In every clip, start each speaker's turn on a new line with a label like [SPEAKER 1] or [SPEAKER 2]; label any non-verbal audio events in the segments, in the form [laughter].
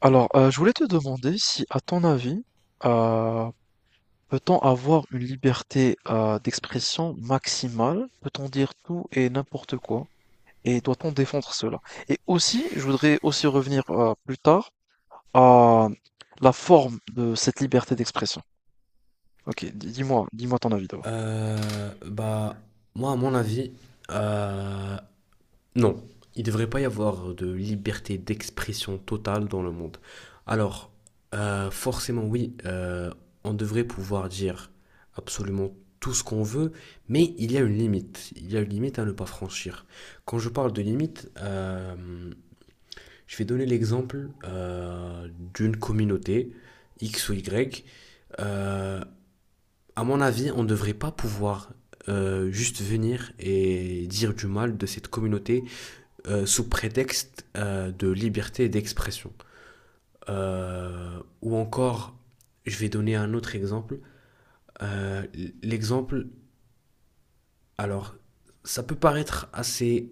[SPEAKER 1] Alors, je voulais te demander si, à ton avis, euh, peut-on avoir une liberté d'expression maximale? Peut-on dire tout et n'importe quoi? Et doit-on défendre cela? Et aussi, je voudrais aussi revenir plus tard à la forme de cette liberté d'expression. Ok, dis-moi, dis-moi ton avis d'abord.
[SPEAKER 2] Euh, bah, moi, à mon avis, euh, non. Il ne devrait pas y avoir de liberté d'expression totale dans le monde. Alors, forcément, oui, on devrait pouvoir dire absolument tout ce qu'on veut, mais il y a une limite. Il y a une limite à ne pas franchir. Quand je parle de limite, je vais donner l'exemple d'une communauté, X ou Y. Euh, à mon avis, on ne devrait pas pouvoir juste venir et dire du mal de cette communauté sous prétexte de liberté d'expression. Ou encore, je vais donner un autre exemple. Euh, L'exemple, alors, ça peut paraître assez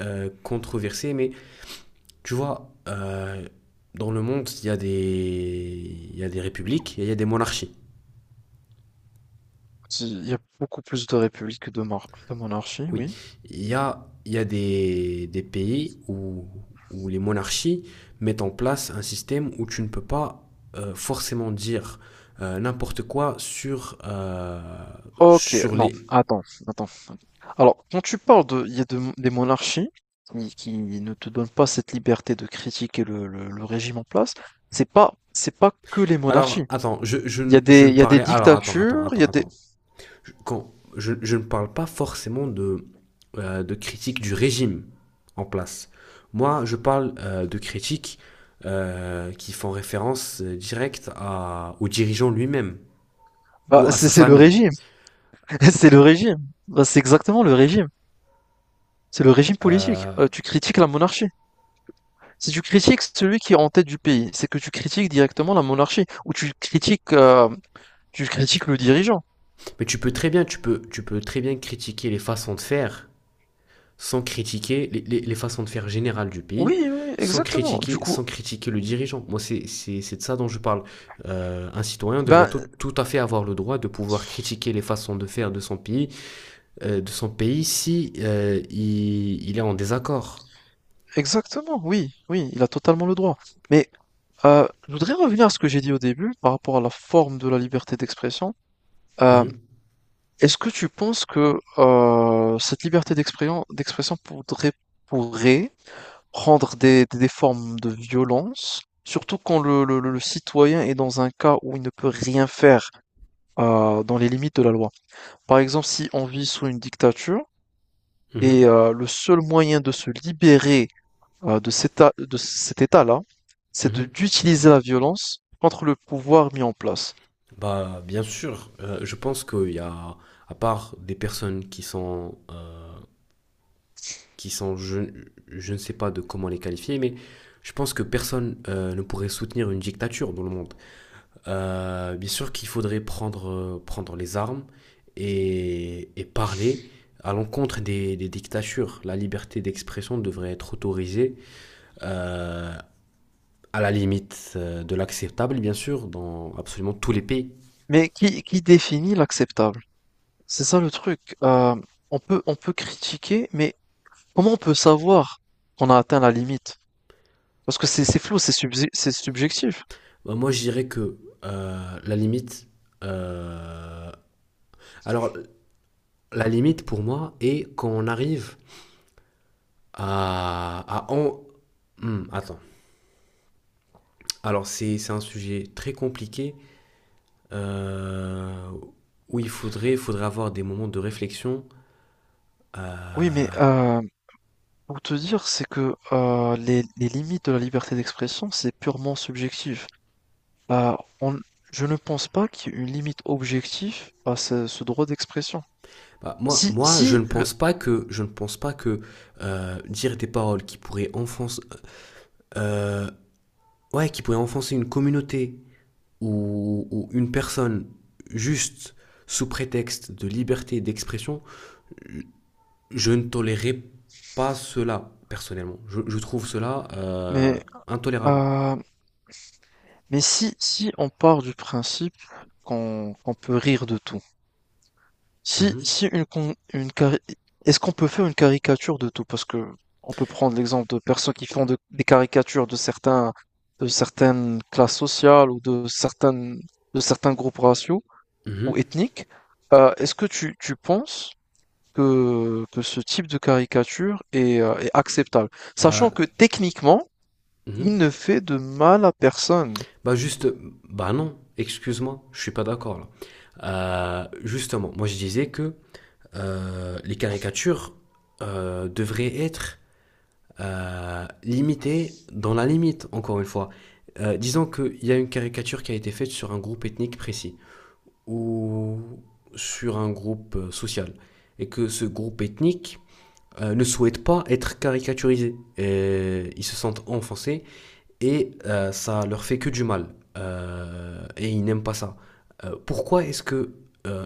[SPEAKER 2] controversé, mais tu vois, dans le monde, il y a des républiques et il y a des monarchies.
[SPEAKER 1] Il y a beaucoup plus de républiques que de, de monarchie,
[SPEAKER 2] Oui,
[SPEAKER 1] oui.
[SPEAKER 2] il y a des pays où les monarchies mettent en place un système où tu ne peux pas forcément dire n'importe quoi sur, euh,
[SPEAKER 1] Ok,
[SPEAKER 2] sur
[SPEAKER 1] non,
[SPEAKER 2] les.
[SPEAKER 1] attends, attends. Alors, quand tu parles de, il y a des monarchies qui ne te donnent pas cette liberté de critiquer le, le régime en place, c'est pas que les
[SPEAKER 2] Alors,
[SPEAKER 1] monarchies.
[SPEAKER 2] attends,
[SPEAKER 1] Il y a
[SPEAKER 2] je
[SPEAKER 1] des,
[SPEAKER 2] ne
[SPEAKER 1] il y a des
[SPEAKER 2] parlais. Alors, attends, attends,
[SPEAKER 1] dictatures, il y
[SPEAKER 2] attends,
[SPEAKER 1] a des,
[SPEAKER 2] attends. Quand je ne parle pas forcément de critique du régime en place. Moi, je parle de critiques qui font référence directe au dirigeant lui-même
[SPEAKER 1] bah,
[SPEAKER 2] ou à
[SPEAKER 1] c'est
[SPEAKER 2] sa
[SPEAKER 1] c'est le
[SPEAKER 2] famille.
[SPEAKER 1] régime, [laughs] c'est le régime, bah, c'est exactement le régime, c'est le régime politique.
[SPEAKER 2] Euh,
[SPEAKER 1] Tu critiques la monarchie. Si tu critiques celui qui est en tête du pays, c'est que tu critiques directement la monarchie ou tu critiques le dirigeant.
[SPEAKER 2] mais tu peux très bien critiquer les façons de faire sans critiquer les façons de faire générales du pays,
[SPEAKER 1] Oui, oui,
[SPEAKER 2] sans
[SPEAKER 1] exactement. Du
[SPEAKER 2] critiquer,
[SPEAKER 1] coup,
[SPEAKER 2] sans critiquer le dirigeant. Moi, c'est de ça dont je parle. Un citoyen devrait
[SPEAKER 1] ben,
[SPEAKER 2] tout à fait avoir le droit de pouvoir critiquer les façons de faire de son pays si il est en désaccord.
[SPEAKER 1] exactement, oui, oui, il a totalement le droit. Mais je voudrais revenir à ce que j'ai dit au début par rapport à la forme de la liberté d'expression. Euh,
[SPEAKER 2] Mhm,
[SPEAKER 1] est-ce que tu penses que cette liberté d'expression pourrait, pourrait prendre des, des formes de violence, surtout quand le, le citoyen est dans un cas où il ne peut rien faire dans les limites de la loi? Par exemple, si on vit sous une dictature
[SPEAKER 2] mhm,
[SPEAKER 1] et le seul moyen de se libérer de de cet état-là, c'est
[SPEAKER 2] mhm.
[SPEAKER 1] d'utiliser la violence contre le pouvoir mis en place.
[SPEAKER 2] Bah, bien sûr, je pense qu'il y a, à part des personnes qui sont, je ne sais pas de comment les qualifier, mais je pense que personne ne pourrait soutenir une dictature dans le monde. Bien sûr qu'il faudrait prendre les armes et parler à l'encontre des dictatures. La liberté d'expression devrait être autorisée euh, à la limite de l'acceptable, bien sûr, dans absolument tous les pays.
[SPEAKER 1] Mais qui définit l'acceptable? C'est ça le truc. On peut critiquer, mais comment on peut savoir qu'on a atteint la limite? Parce que c'est flou, c'est subjectif.
[SPEAKER 2] Bah, moi, je dirais que la limite. Euh, alors, la limite pour moi est quand on arrive. À, à en- attends. Alors, c'est un sujet très compliqué euh, où il faudrait avoir des moments de réflexion.
[SPEAKER 1] Oui, mais
[SPEAKER 2] euh,
[SPEAKER 1] pour te dire, c'est que les limites de la liberté d'expression, c'est purement subjectif. Euh, on- je ne pense pas qu'il y ait une limite objective à ce, ce droit d'expression.
[SPEAKER 2] bah, moi,
[SPEAKER 1] Si,
[SPEAKER 2] moi,
[SPEAKER 1] si le,
[SPEAKER 2] je ne pense pas que dire des paroles qui pourraient enfoncer, euh, ouais, qui pourraient enfoncer une communauté ou une personne juste sous prétexte de liberté d'expression. Je ne tolérerai pas cela, personnellement. Je trouve cela
[SPEAKER 1] mais,
[SPEAKER 2] intolérable.
[SPEAKER 1] euh, mais si, si on part du principe qu'on peut rire de tout, Si,
[SPEAKER 2] Mhm,
[SPEAKER 1] si une, con- une cari- est-ce qu'on peut faire une caricature de tout? Parce que on peut prendre l'exemple de personnes qui font des caricatures de certains, de certaines classes sociales ou de certaines, de certains groupes raciaux ou
[SPEAKER 2] mhm.
[SPEAKER 1] ethniques. Est-ce que tu penses que ce type de caricature est, est acceptable? Sachant
[SPEAKER 2] Bah,
[SPEAKER 1] que techniquement, il
[SPEAKER 2] mhm.
[SPEAKER 1] ne fait de mal à personne.
[SPEAKER 2] bah juste, bah non, excuse-moi, je suis pas d'accord là. Justement, moi je disais que les caricatures devraient être limitées dans la limite, encore une fois. Disons qu'il y a une caricature qui a été faite sur un groupe ethnique précis ou sur un groupe social et que ce groupe ethnique ne souhaite pas être caricaturisé. Et ils se sentent enfoncés et ça leur fait que du mal. Et ils n'aiment pas ça. Pourquoi est-ce que euh,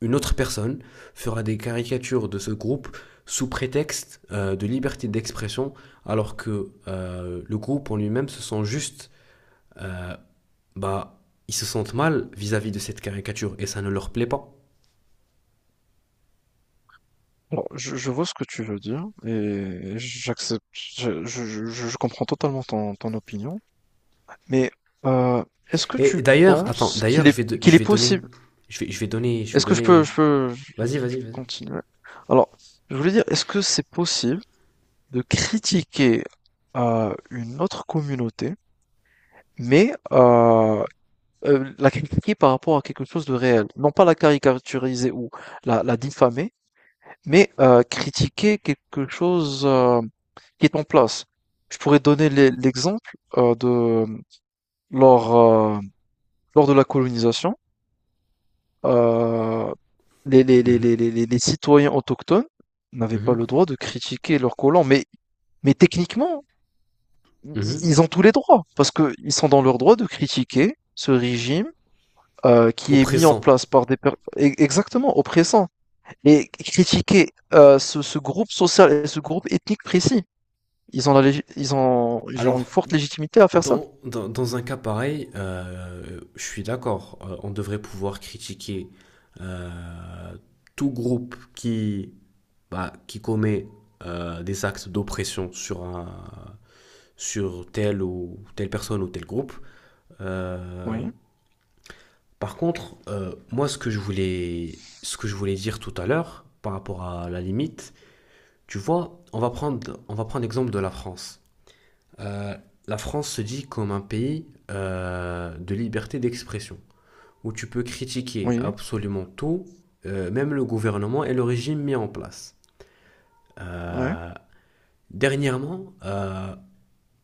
[SPEAKER 2] une autre personne fera des caricatures de ce groupe sous prétexte de liberté d'expression alors que le groupe en lui-même se sent juste, euh, bah, ils se sentent mal vis-à-vis de cette caricature et ça ne leur plaît pas.
[SPEAKER 1] Bon, je vois ce que tu veux dire et j'accepte, je, je comprends totalement ton ton opinion. Mais euh, est-ce que tu
[SPEAKER 2] Et d'ailleurs, attends,
[SPEAKER 1] penses qu'il
[SPEAKER 2] d'ailleurs,
[SPEAKER 1] est
[SPEAKER 2] je vais, do-
[SPEAKER 1] qu'il
[SPEAKER 2] je
[SPEAKER 1] est
[SPEAKER 2] vais donner.
[SPEAKER 1] possible?
[SPEAKER 2] Je vais, je vais donner, je vais
[SPEAKER 1] Est-ce que je peux
[SPEAKER 2] donner.
[SPEAKER 1] je peux
[SPEAKER 2] Vas-y, vas-y, vas-y.
[SPEAKER 1] continuer? Alors, je voulais dire, est-ce que c'est possible de critiquer une autre communauté, mais la critiquer par rapport à quelque chose de réel, non pas la caricaturiser ou la diffamer, mais critiquer quelque chose qui est en place. Je pourrais donner l'exemple de lors euh, lors de la colonisation. Euh,
[SPEAKER 2] Mhm,
[SPEAKER 1] citoyens autochtones n'avaient pas
[SPEAKER 2] mhm,
[SPEAKER 1] le droit de critiquer leurs colons. Mais techniquement, i-
[SPEAKER 2] mhm.
[SPEAKER 1] ils ont tous les droits, parce qu'ils sont dans leur droit de critiquer ce régime qui est mis en
[SPEAKER 2] Oppressant.
[SPEAKER 1] place par des personnes exactement oppressants. Et critiquer ce, ce groupe social et ce groupe ethnique précis. Ils ont ils ont ils ont une
[SPEAKER 2] Alors,
[SPEAKER 1] forte légitimité à faire ça.
[SPEAKER 2] dans un cas pareil, je suis d'accord. On devrait pouvoir critiquer euh, tout groupe qui, bah, qui commet des actes d'oppression sur telle ou telle personne ou tel groupe. Euh,
[SPEAKER 1] Oui,
[SPEAKER 2] Par contre, moi, ce que je voulais dire tout à l'heure, par rapport à la limite, tu vois, on va prendre l'exemple de la France. Euh, la France se dit comme un pays de liberté d'expression, où tu peux critiquer
[SPEAKER 1] oui,
[SPEAKER 2] absolument tout, même le gouvernement et le régime mis en place.
[SPEAKER 1] ouais,
[SPEAKER 2] Euh, dernièrement,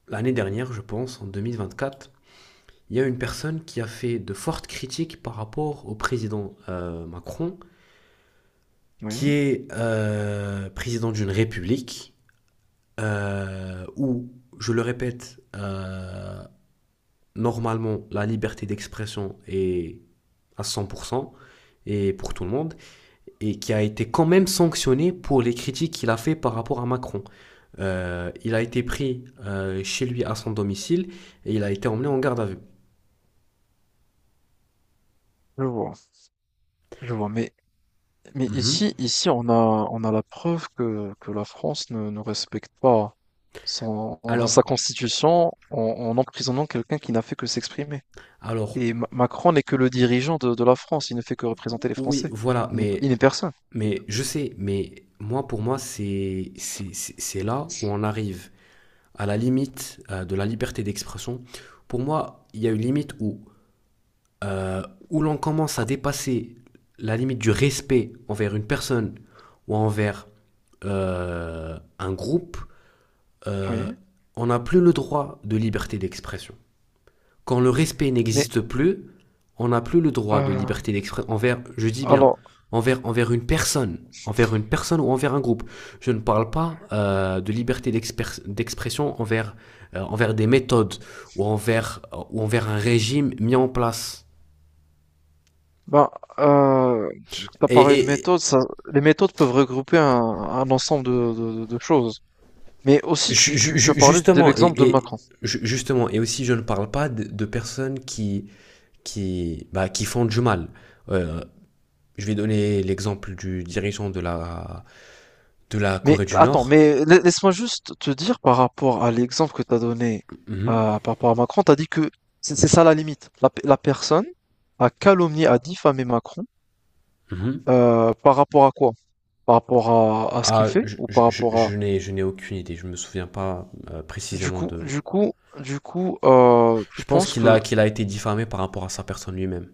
[SPEAKER 2] l'année dernière, je pense, en 2024, il y a une personne qui a fait de fortes critiques par rapport au président Macron, qui
[SPEAKER 1] oui,
[SPEAKER 2] est président d'une république où, je le répète, normalement, la liberté d'expression est à 100% et pour tout le monde, et qui a été quand même sanctionné pour les critiques qu'il a fait par rapport à Macron. Il a été pris chez lui à son domicile et il a été emmené en garde à vue.
[SPEAKER 1] je vois, je vois. Mais
[SPEAKER 2] Mhm.
[SPEAKER 1] ici, ici, on a la preuve que la France ne, ne respecte pas son, sa
[SPEAKER 2] Alors,
[SPEAKER 1] constitution en, en emprisonnant quelqu'un qui n'a fait que s'exprimer.
[SPEAKER 2] alors,
[SPEAKER 1] Et Macron n'est que le dirigeant de la France, il ne fait que représenter les
[SPEAKER 2] oui,
[SPEAKER 1] Français.
[SPEAKER 2] voilà,
[SPEAKER 1] Il n'est il
[SPEAKER 2] mais
[SPEAKER 1] n'est personne.
[SPEAKER 2] Mais je sais, mais moi, pour moi, c'est là où on arrive à la limite de la liberté d'expression. Pour moi, il y a une limite euh, où l'on commence à
[SPEAKER 1] Co-
[SPEAKER 2] dépasser la limite du respect envers une personne ou envers un groupe. euh,
[SPEAKER 1] Oui.
[SPEAKER 2] on n'a plus le droit de liberté d'expression. Quand le respect
[SPEAKER 1] Mais
[SPEAKER 2] n'existe plus, on n'a plus le droit de
[SPEAKER 1] euh,
[SPEAKER 2] liberté d'expression envers, je dis bien,
[SPEAKER 1] alors,
[SPEAKER 2] envers une personne, ou envers un groupe. Je ne parle pas de liberté d'expression envers des méthodes ou ou envers un régime mis en place.
[SPEAKER 1] ben, tu as parlé
[SPEAKER 2] Et,
[SPEAKER 1] de
[SPEAKER 2] et
[SPEAKER 1] méthodes, ça, les méthodes peuvent regrouper un ensemble de, choses. Mais aussi,
[SPEAKER 2] ju-
[SPEAKER 1] tu, tu as
[SPEAKER 2] ju-
[SPEAKER 1] parlé de
[SPEAKER 2] justement,
[SPEAKER 1] l'exemple de
[SPEAKER 2] et, et
[SPEAKER 1] Macron.
[SPEAKER 2] justement, et aussi je ne parle pas de personnes qui, bah, qui font du mal. Euh, je vais donner l'exemple du dirigeant de la
[SPEAKER 1] Mais
[SPEAKER 2] Corée du
[SPEAKER 1] attends,
[SPEAKER 2] Nord.
[SPEAKER 1] mais laisse-moi juste te dire par rapport à l'exemple que tu as donné
[SPEAKER 2] Mhm,
[SPEAKER 1] par rapport à Macron, tu as dit que c'est ça la limite. La, la personne a calomnié, a diffamé Macron
[SPEAKER 2] mhm.
[SPEAKER 1] par rapport à quoi? Par rapport à ce qu'il
[SPEAKER 2] Ah,
[SPEAKER 1] fait
[SPEAKER 2] je,
[SPEAKER 1] ou
[SPEAKER 2] je-
[SPEAKER 1] par
[SPEAKER 2] je-
[SPEAKER 1] rapport à
[SPEAKER 2] je n'ai, je n'ai aucune idée. Je me souviens pas
[SPEAKER 1] du
[SPEAKER 2] précisément
[SPEAKER 1] coup
[SPEAKER 2] de.
[SPEAKER 1] du coup tu
[SPEAKER 2] Je pense
[SPEAKER 1] penses que
[SPEAKER 2] qu'il a été diffamé par rapport à sa personne lui-même.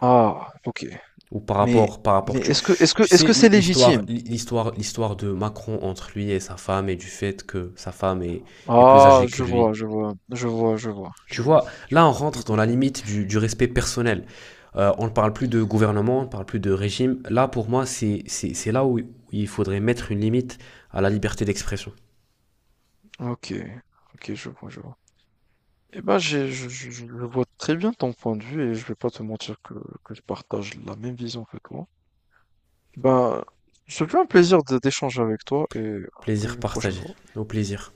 [SPEAKER 1] ah OK,
[SPEAKER 2] Ou par
[SPEAKER 1] mais
[SPEAKER 2] rapport, par
[SPEAKER 1] mais
[SPEAKER 2] rapport. Tu,
[SPEAKER 1] est-ce que est-ce que
[SPEAKER 2] tu
[SPEAKER 1] est-ce
[SPEAKER 2] sais,
[SPEAKER 1] que
[SPEAKER 2] l'hi-
[SPEAKER 1] c'est
[SPEAKER 2] l'histoire,
[SPEAKER 1] légitime?
[SPEAKER 2] l'hi- l'histoire, l'histoire de Macron entre lui et sa femme et du fait que sa femme est plus
[SPEAKER 1] Ah,
[SPEAKER 2] âgée que
[SPEAKER 1] je vois,
[SPEAKER 2] lui.
[SPEAKER 1] je vois, je vois, je vois, je
[SPEAKER 2] Tu
[SPEAKER 1] vois,
[SPEAKER 2] vois,
[SPEAKER 1] je
[SPEAKER 2] là, on
[SPEAKER 1] vois, je
[SPEAKER 2] rentre dans la
[SPEAKER 1] comprends.
[SPEAKER 2] limite du respect personnel. On ne parle plus de gouvernement, on ne parle plus de régime. Là, pour moi, c'est là où il faudrait mettre une limite à la liberté d'expression.
[SPEAKER 1] OK, OK, je vois, je vois. Eh ben, j'ai je le vois très bien ton point de vue et je vais pas te mentir que je partage la même vision que toi. Ben, ce fut un plaisir de d'échanger avec toi et à
[SPEAKER 2] Plaisir
[SPEAKER 1] une prochaine
[SPEAKER 2] partagé.
[SPEAKER 1] fois.
[SPEAKER 2] Au plaisir.